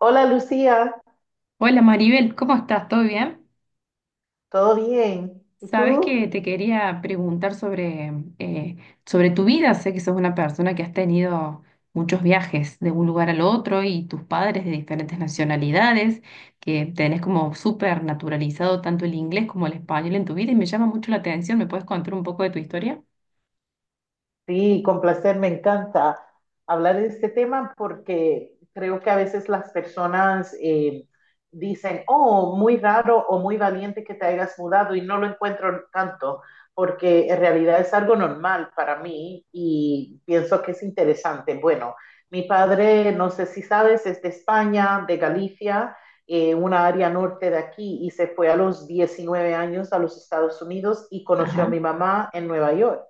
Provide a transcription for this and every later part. Hola Lucía, Hola Maribel, ¿cómo estás? ¿Todo bien? ¿todo bien? ¿Y Sabes tú? que te quería preguntar eh, sobre tu vida. Sé que sos una persona que has tenido muchos viajes de un lugar al otro y tus padres de diferentes nacionalidades, que tenés como súper naturalizado tanto el inglés como el español en tu vida y me llama mucho la atención. ¿Me puedes contar un poco de tu historia? Sí, con placer, me encanta hablar de este tema porque creo que a veces las personas dicen, oh, muy raro o muy valiente que te hayas mudado y no lo encuentro tanto, porque en realidad es algo normal para mí y pienso que es interesante. Bueno, mi padre, no sé si sabes, es de España, de Galicia, una área norte de aquí, y se fue a los 19 años a los Estados Unidos y conoció a Ajá, mi mamá en Nueva York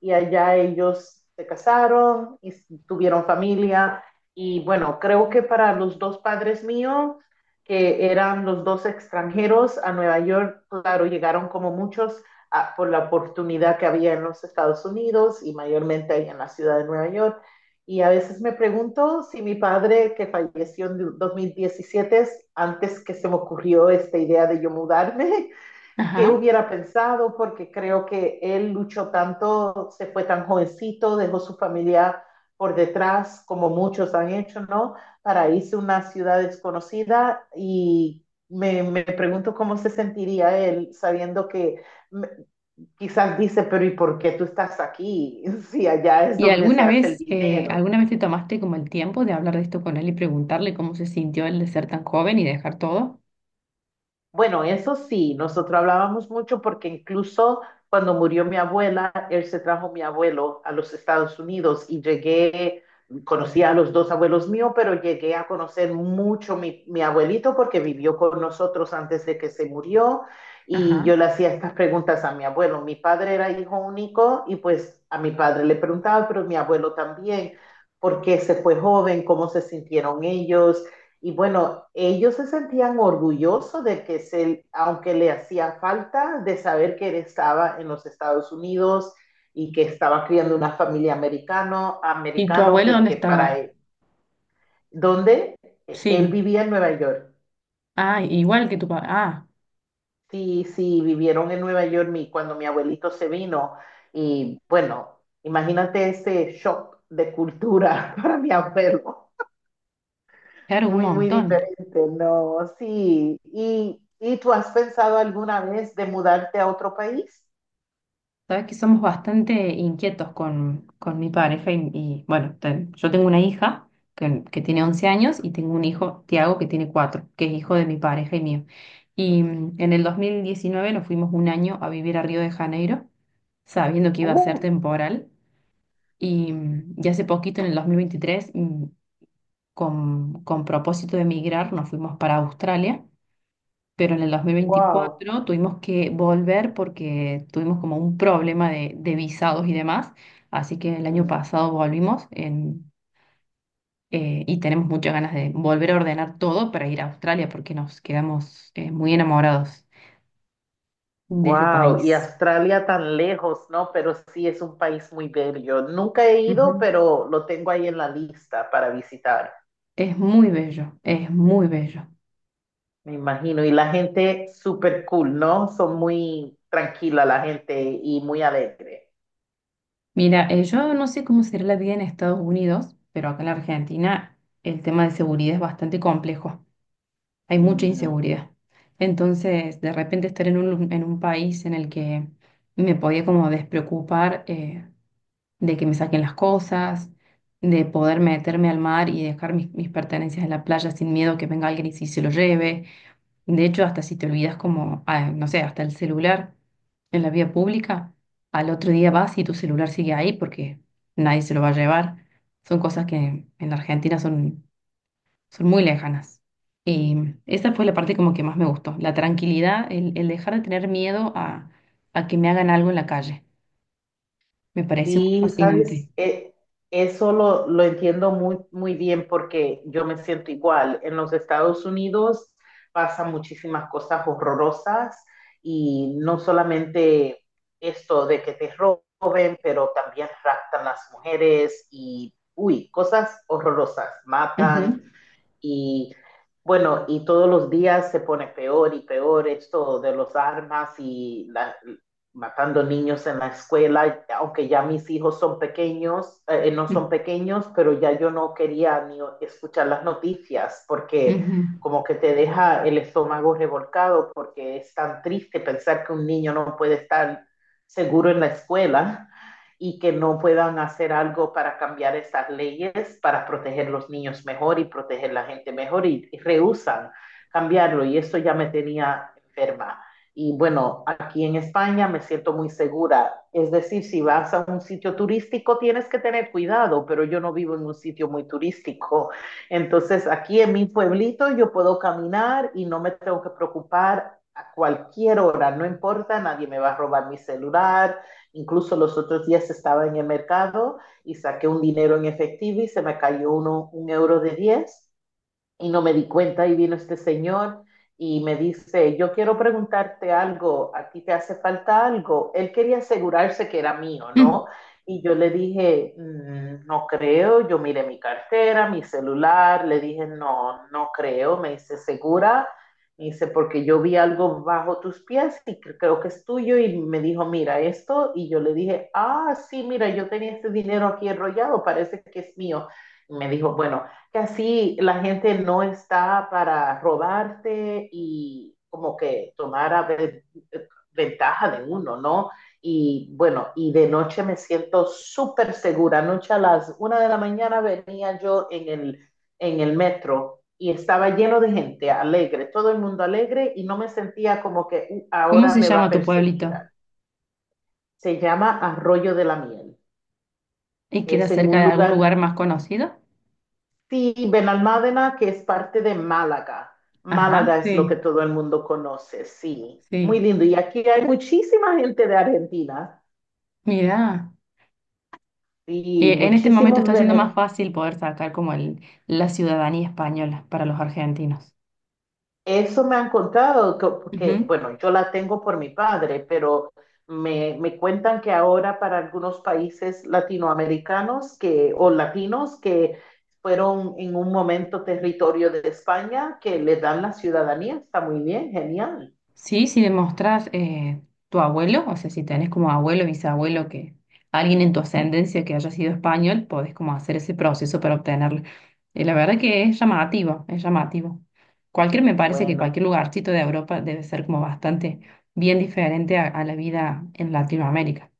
y allá ellos se casaron y tuvieron familia. Y bueno, creo que para los dos padres míos, que eran los dos extranjeros a Nueva York, claro, llegaron como muchos a, por la oportunidad que había en los Estados Unidos y mayormente ahí en la ciudad de Nueva York. Y a veces me pregunto si mi padre, que falleció en 2017, antes que se me ocurrió esta idea de yo mudarme, qué ajá. hubiera pensado, porque creo que él luchó tanto, se fue tan jovencito, dejó su familia por detrás, como muchos han hecho, ¿no? Para irse a una ciudad desconocida y me pregunto cómo se sentiría él sabiendo que mm, quizás dice, pero ¿y por qué tú estás aquí? Si allá es ¿Y donde se hace el dinero. alguna vez te tomaste como el tiempo de hablar de esto con él y preguntarle cómo se sintió el de ser tan joven y dejar todo? Bueno, eso sí, nosotros hablábamos mucho porque incluso cuando murió mi abuela, él se trajo mi abuelo a los Estados Unidos y llegué, conocí a los dos abuelos míos, pero llegué a conocer mucho mi abuelito porque vivió con nosotros antes de que se murió y yo Ajá. le hacía estas preguntas a mi abuelo. Mi padre era hijo único y pues a mi padre le preguntaba, pero mi abuelo también, ¿por qué se fue joven? ¿Cómo se sintieron ellos? Y bueno, ellos se sentían orgullosos de que, se, aunque le hacía falta de saber que él estaba en los Estados Unidos y que estaba criando una familia americano, ¿Y tu americano, abuelo dónde porque para estaba? él, donde él Sí. vivía en Nueva York. Ah, igual que tu papá. Ah, Sí, sí, vivieron en Nueva York mi, cuando mi abuelito se vino. Y bueno, imagínate ese shock de cultura para mi abuelo. claro, un Muy, muy montón. diferente, no, sí. Y tú has pensado alguna vez de mudarte a otro país? Sabes que somos bastante inquietos con mi pareja bueno, yo tengo una hija que tiene 11 años y tengo un hijo, Tiago, que tiene 4, que es hijo de mi pareja y mío. Y en el 2019 nos fuimos un año a vivir a Río de Janeiro, sabiendo que iba a ser Uh, temporal. Y hace poquito, en el 2023, con propósito de emigrar, nos fuimos para Australia, pero en el wow, 2024 tuvimos que volver porque tuvimos como un problema de visados y demás, así que el año Mm. pasado volvimos y tenemos muchas ganas de volver a ordenar todo para ir a Australia porque nos quedamos muy enamorados de ese Wow, y país. Australia tan lejos, ¿no? Pero sí es un país muy bello. Nunca he ido, Ujú. pero lo tengo ahí en la lista para visitar, Es muy bello, es muy bello. me imagino. Y la gente súper cool, ¿no? Son muy tranquila la gente y muy alegre. Mira, yo no sé cómo será la vida en Estados Unidos, pero acá en la Argentina el tema de seguridad es bastante complejo. Hay mucha inseguridad. Entonces, de repente estar en en un país en el que me podía como despreocupar de que me saquen las cosas, de poder meterme al mar y dejar mis pertenencias en la playa sin miedo que venga alguien y si se lo lleve. De hecho, hasta si te olvidas como, ah, no sé, hasta el celular en la vía pública, al otro día vas y tu celular sigue ahí porque nadie se lo va a llevar. Son cosas que en la Argentina son muy lejanas. Y esa fue la parte como que más me gustó, la tranquilidad, el dejar de tener miedo a que me hagan algo en la calle. Me pareció muy Sí, sabes, fascinante. Eso lo entiendo muy, muy bien porque yo me siento igual. En los Estados Unidos pasan muchísimas cosas horrorosas y no solamente esto de que te roben, pero también raptan las mujeres y, uy, cosas horrorosas, matan Ujú, y bueno, y todos los días se pone peor y peor esto de los armas y la- matando niños en la escuela, aunque ya mis hijos son pequeños, no mm, son pequeños, pero ya yo no quería ni escuchar las noticias porque ujú. como que te deja el estómago revolcado porque es tan triste pensar que un niño no puede estar seguro en la escuela y que no puedan hacer algo para cambiar esas leyes, para proteger los niños mejor y proteger la gente mejor y rehusan cambiarlo. Y eso ya me tenía enferma. Y bueno, aquí en España me siento muy segura. Es decir, si vas a un sitio turístico tienes que tener cuidado, pero yo no vivo en un sitio muy turístico. Entonces, aquí en mi pueblito yo puedo caminar y no me tengo que preocupar a cualquier hora, no importa, nadie me va a robar mi celular. Incluso los otros días estaba en el mercado y saqué un dinero en efectivo y se me cayó un euro de 10 y no me di cuenta y vino este señor y me dice, yo quiero preguntarte algo, a ti te hace falta algo. Él quería asegurarse que era mío, Mm. ¿no? Y yo le dije, "Mm, no creo, yo miré mi cartera, mi celular, le dije, no, no creo, me dice, ¿segura? Me dice, porque yo vi algo bajo tus pies y creo que es tuyo y me dijo, mira esto, y yo le dije, ah, sí, mira, yo tenía este dinero aquí enrollado, parece que es mío. Y me dijo, bueno, que así la gente no está para robarte y como que tomar ventaja de uno, ¿no? Y bueno, y de noche me siento súper segura. Anoche a las 1 de la mañana venía yo en el metro y estaba lleno de gente alegre, todo el mundo alegre y no me sentía como que ¿Cómo ahora se me va a llama tu perseguir. pueblito? Se llama Arroyo de la Miel. ¿Y queda Es en cerca un de algún lugar lugar más conocido? sí, Benalmádena, que es parte de Málaga. Ajá, Málaga es lo que sí, todo el mundo conoce, sí. Muy sí. lindo. Y aquí hay muchísima gente de Argentina Mira, y en este momento muchísimos está siendo venezolanos. más fácil poder sacar como la ciudadanía española para los argentinos. Eso me han contado, que, porque, Ujú. bueno, yo la tengo por mi padre, pero me cuentan que ahora para algunos países latinoamericanos que, o latinos que fueron en un momento territorio de España, que le dan la ciudadanía. Está muy bien, genial. Sí, si demostrás tu abuelo, o sea, si tenés como abuelo, bisabuelo, que alguien en tu ascendencia que haya sido español, podés como hacer ese proceso para obtenerlo. Y la verdad que es llamativo, es llamativo. Cualquier, me parece que Bueno. cualquier lugarcito de Europa debe ser como bastante bien diferente a la vida en Latinoamérica.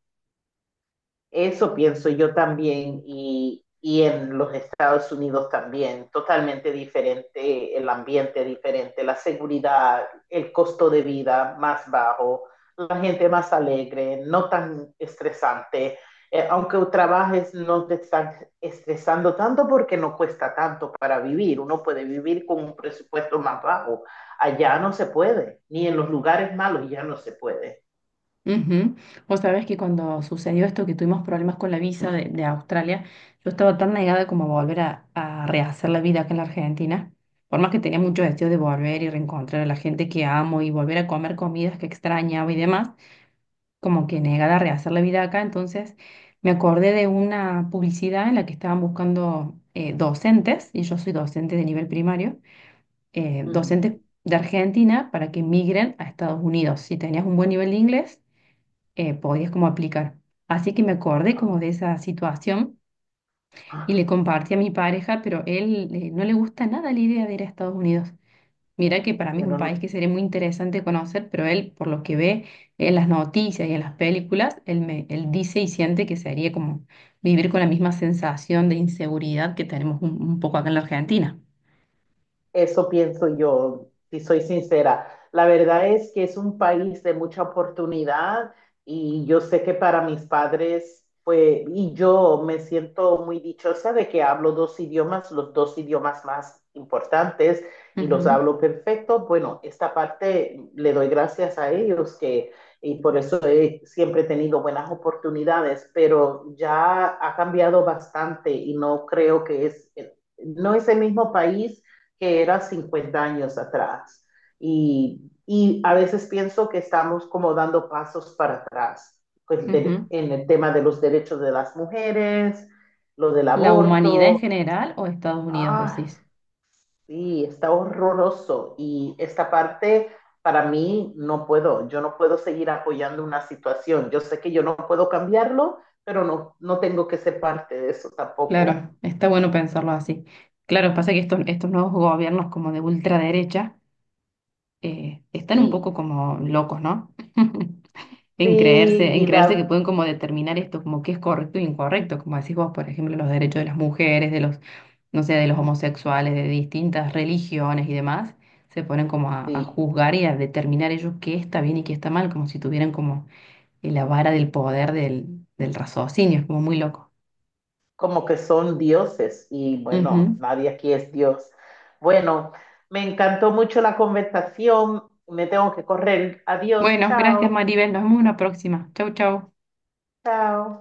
Eso pienso yo también y en los Estados Unidos también, totalmente diferente, el ambiente diferente, la seguridad, el costo de vida más bajo, la gente más alegre, no tan estresante. Aunque trabajes, no te están estresando tanto porque no cuesta tanto para vivir. Uno puede vivir con un presupuesto más bajo. Allá no se puede, ni en los lugares malos ya no se puede. Ujú. Vos sabés que cuando sucedió esto, que tuvimos problemas con la visa de Australia, yo estaba tan negada como a volver a rehacer la vida acá en la Argentina. Por más que tenía mucho deseo de volver y reencontrar a la gente que amo y volver a comer comidas que extrañaba y demás, como que negada a rehacer la vida acá. Entonces me acordé de una publicidad en la que estaban buscando docentes, y yo soy docente de nivel primario, Uh -huh. docentes de Argentina para que migren a Estados Unidos. Si tenías un buen nivel de inglés podías como aplicar. Así que me acordé como de esa situación y Ah, le compartí a mi pareja, pero él no le gusta nada la idea de ir a Estados Unidos. Mira que para mí es un país bueno, que sería muy interesante conocer, pero él, por lo que ve en las noticias y en las películas, él dice y siente que sería como vivir con la misma sensación de inseguridad que tenemos un poco acá en la Argentina. eso pienso yo, si soy sincera. La verdad es que es un país de mucha oportunidad y yo sé que para mis padres fue, y yo me siento muy dichosa de que hablo dos idiomas, los dos idiomas más importantes y los hablo perfecto. Bueno, esta parte le doy gracias a ellos que, y por eso he siempre tenido buenas oportunidades, pero ya ha cambiado bastante y no creo que es, no es el mismo país que era 50 años atrás. Y a veces pienso que estamos como dando pasos para atrás pues, Ujú, ujú. de, en el tema de los derechos de las mujeres, lo del ¿La humanidad en aborto. general o Estados Unidos, Ay, decís? sí, está horroroso. Y esta parte para mí no puedo, yo no puedo seguir apoyando una situación. Yo sé que yo no puedo cambiarlo, pero no, no tengo que ser parte de eso tampoco. Claro, está bueno pensarlo así. Claro, pasa que estos nuevos gobiernos como de ultraderecha están un Sí, poco como locos, ¿no? Sí, en y creerse que da, pueden como determinar esto, como qué es correcto e incorrecto, como decís vos, por ejemplo, los derechos de las mujeres, de los, no sé, de los homosexuales, de distintas religiones y demás, se ponen como a sí, juzgar y a determinar ellos qué está bien y qué está mal, como si tuvieran como la vara del poder del raciocinio, es como muy loco. como que son dioses y bueno, Ujú. nadie aquí es Dios. Bueno, me encantó mucho la conversación. Me tengo que correr. Adiós, Bueno, gracias chao, Maribel, nos vemos en una próxima. Chau, chau. chao.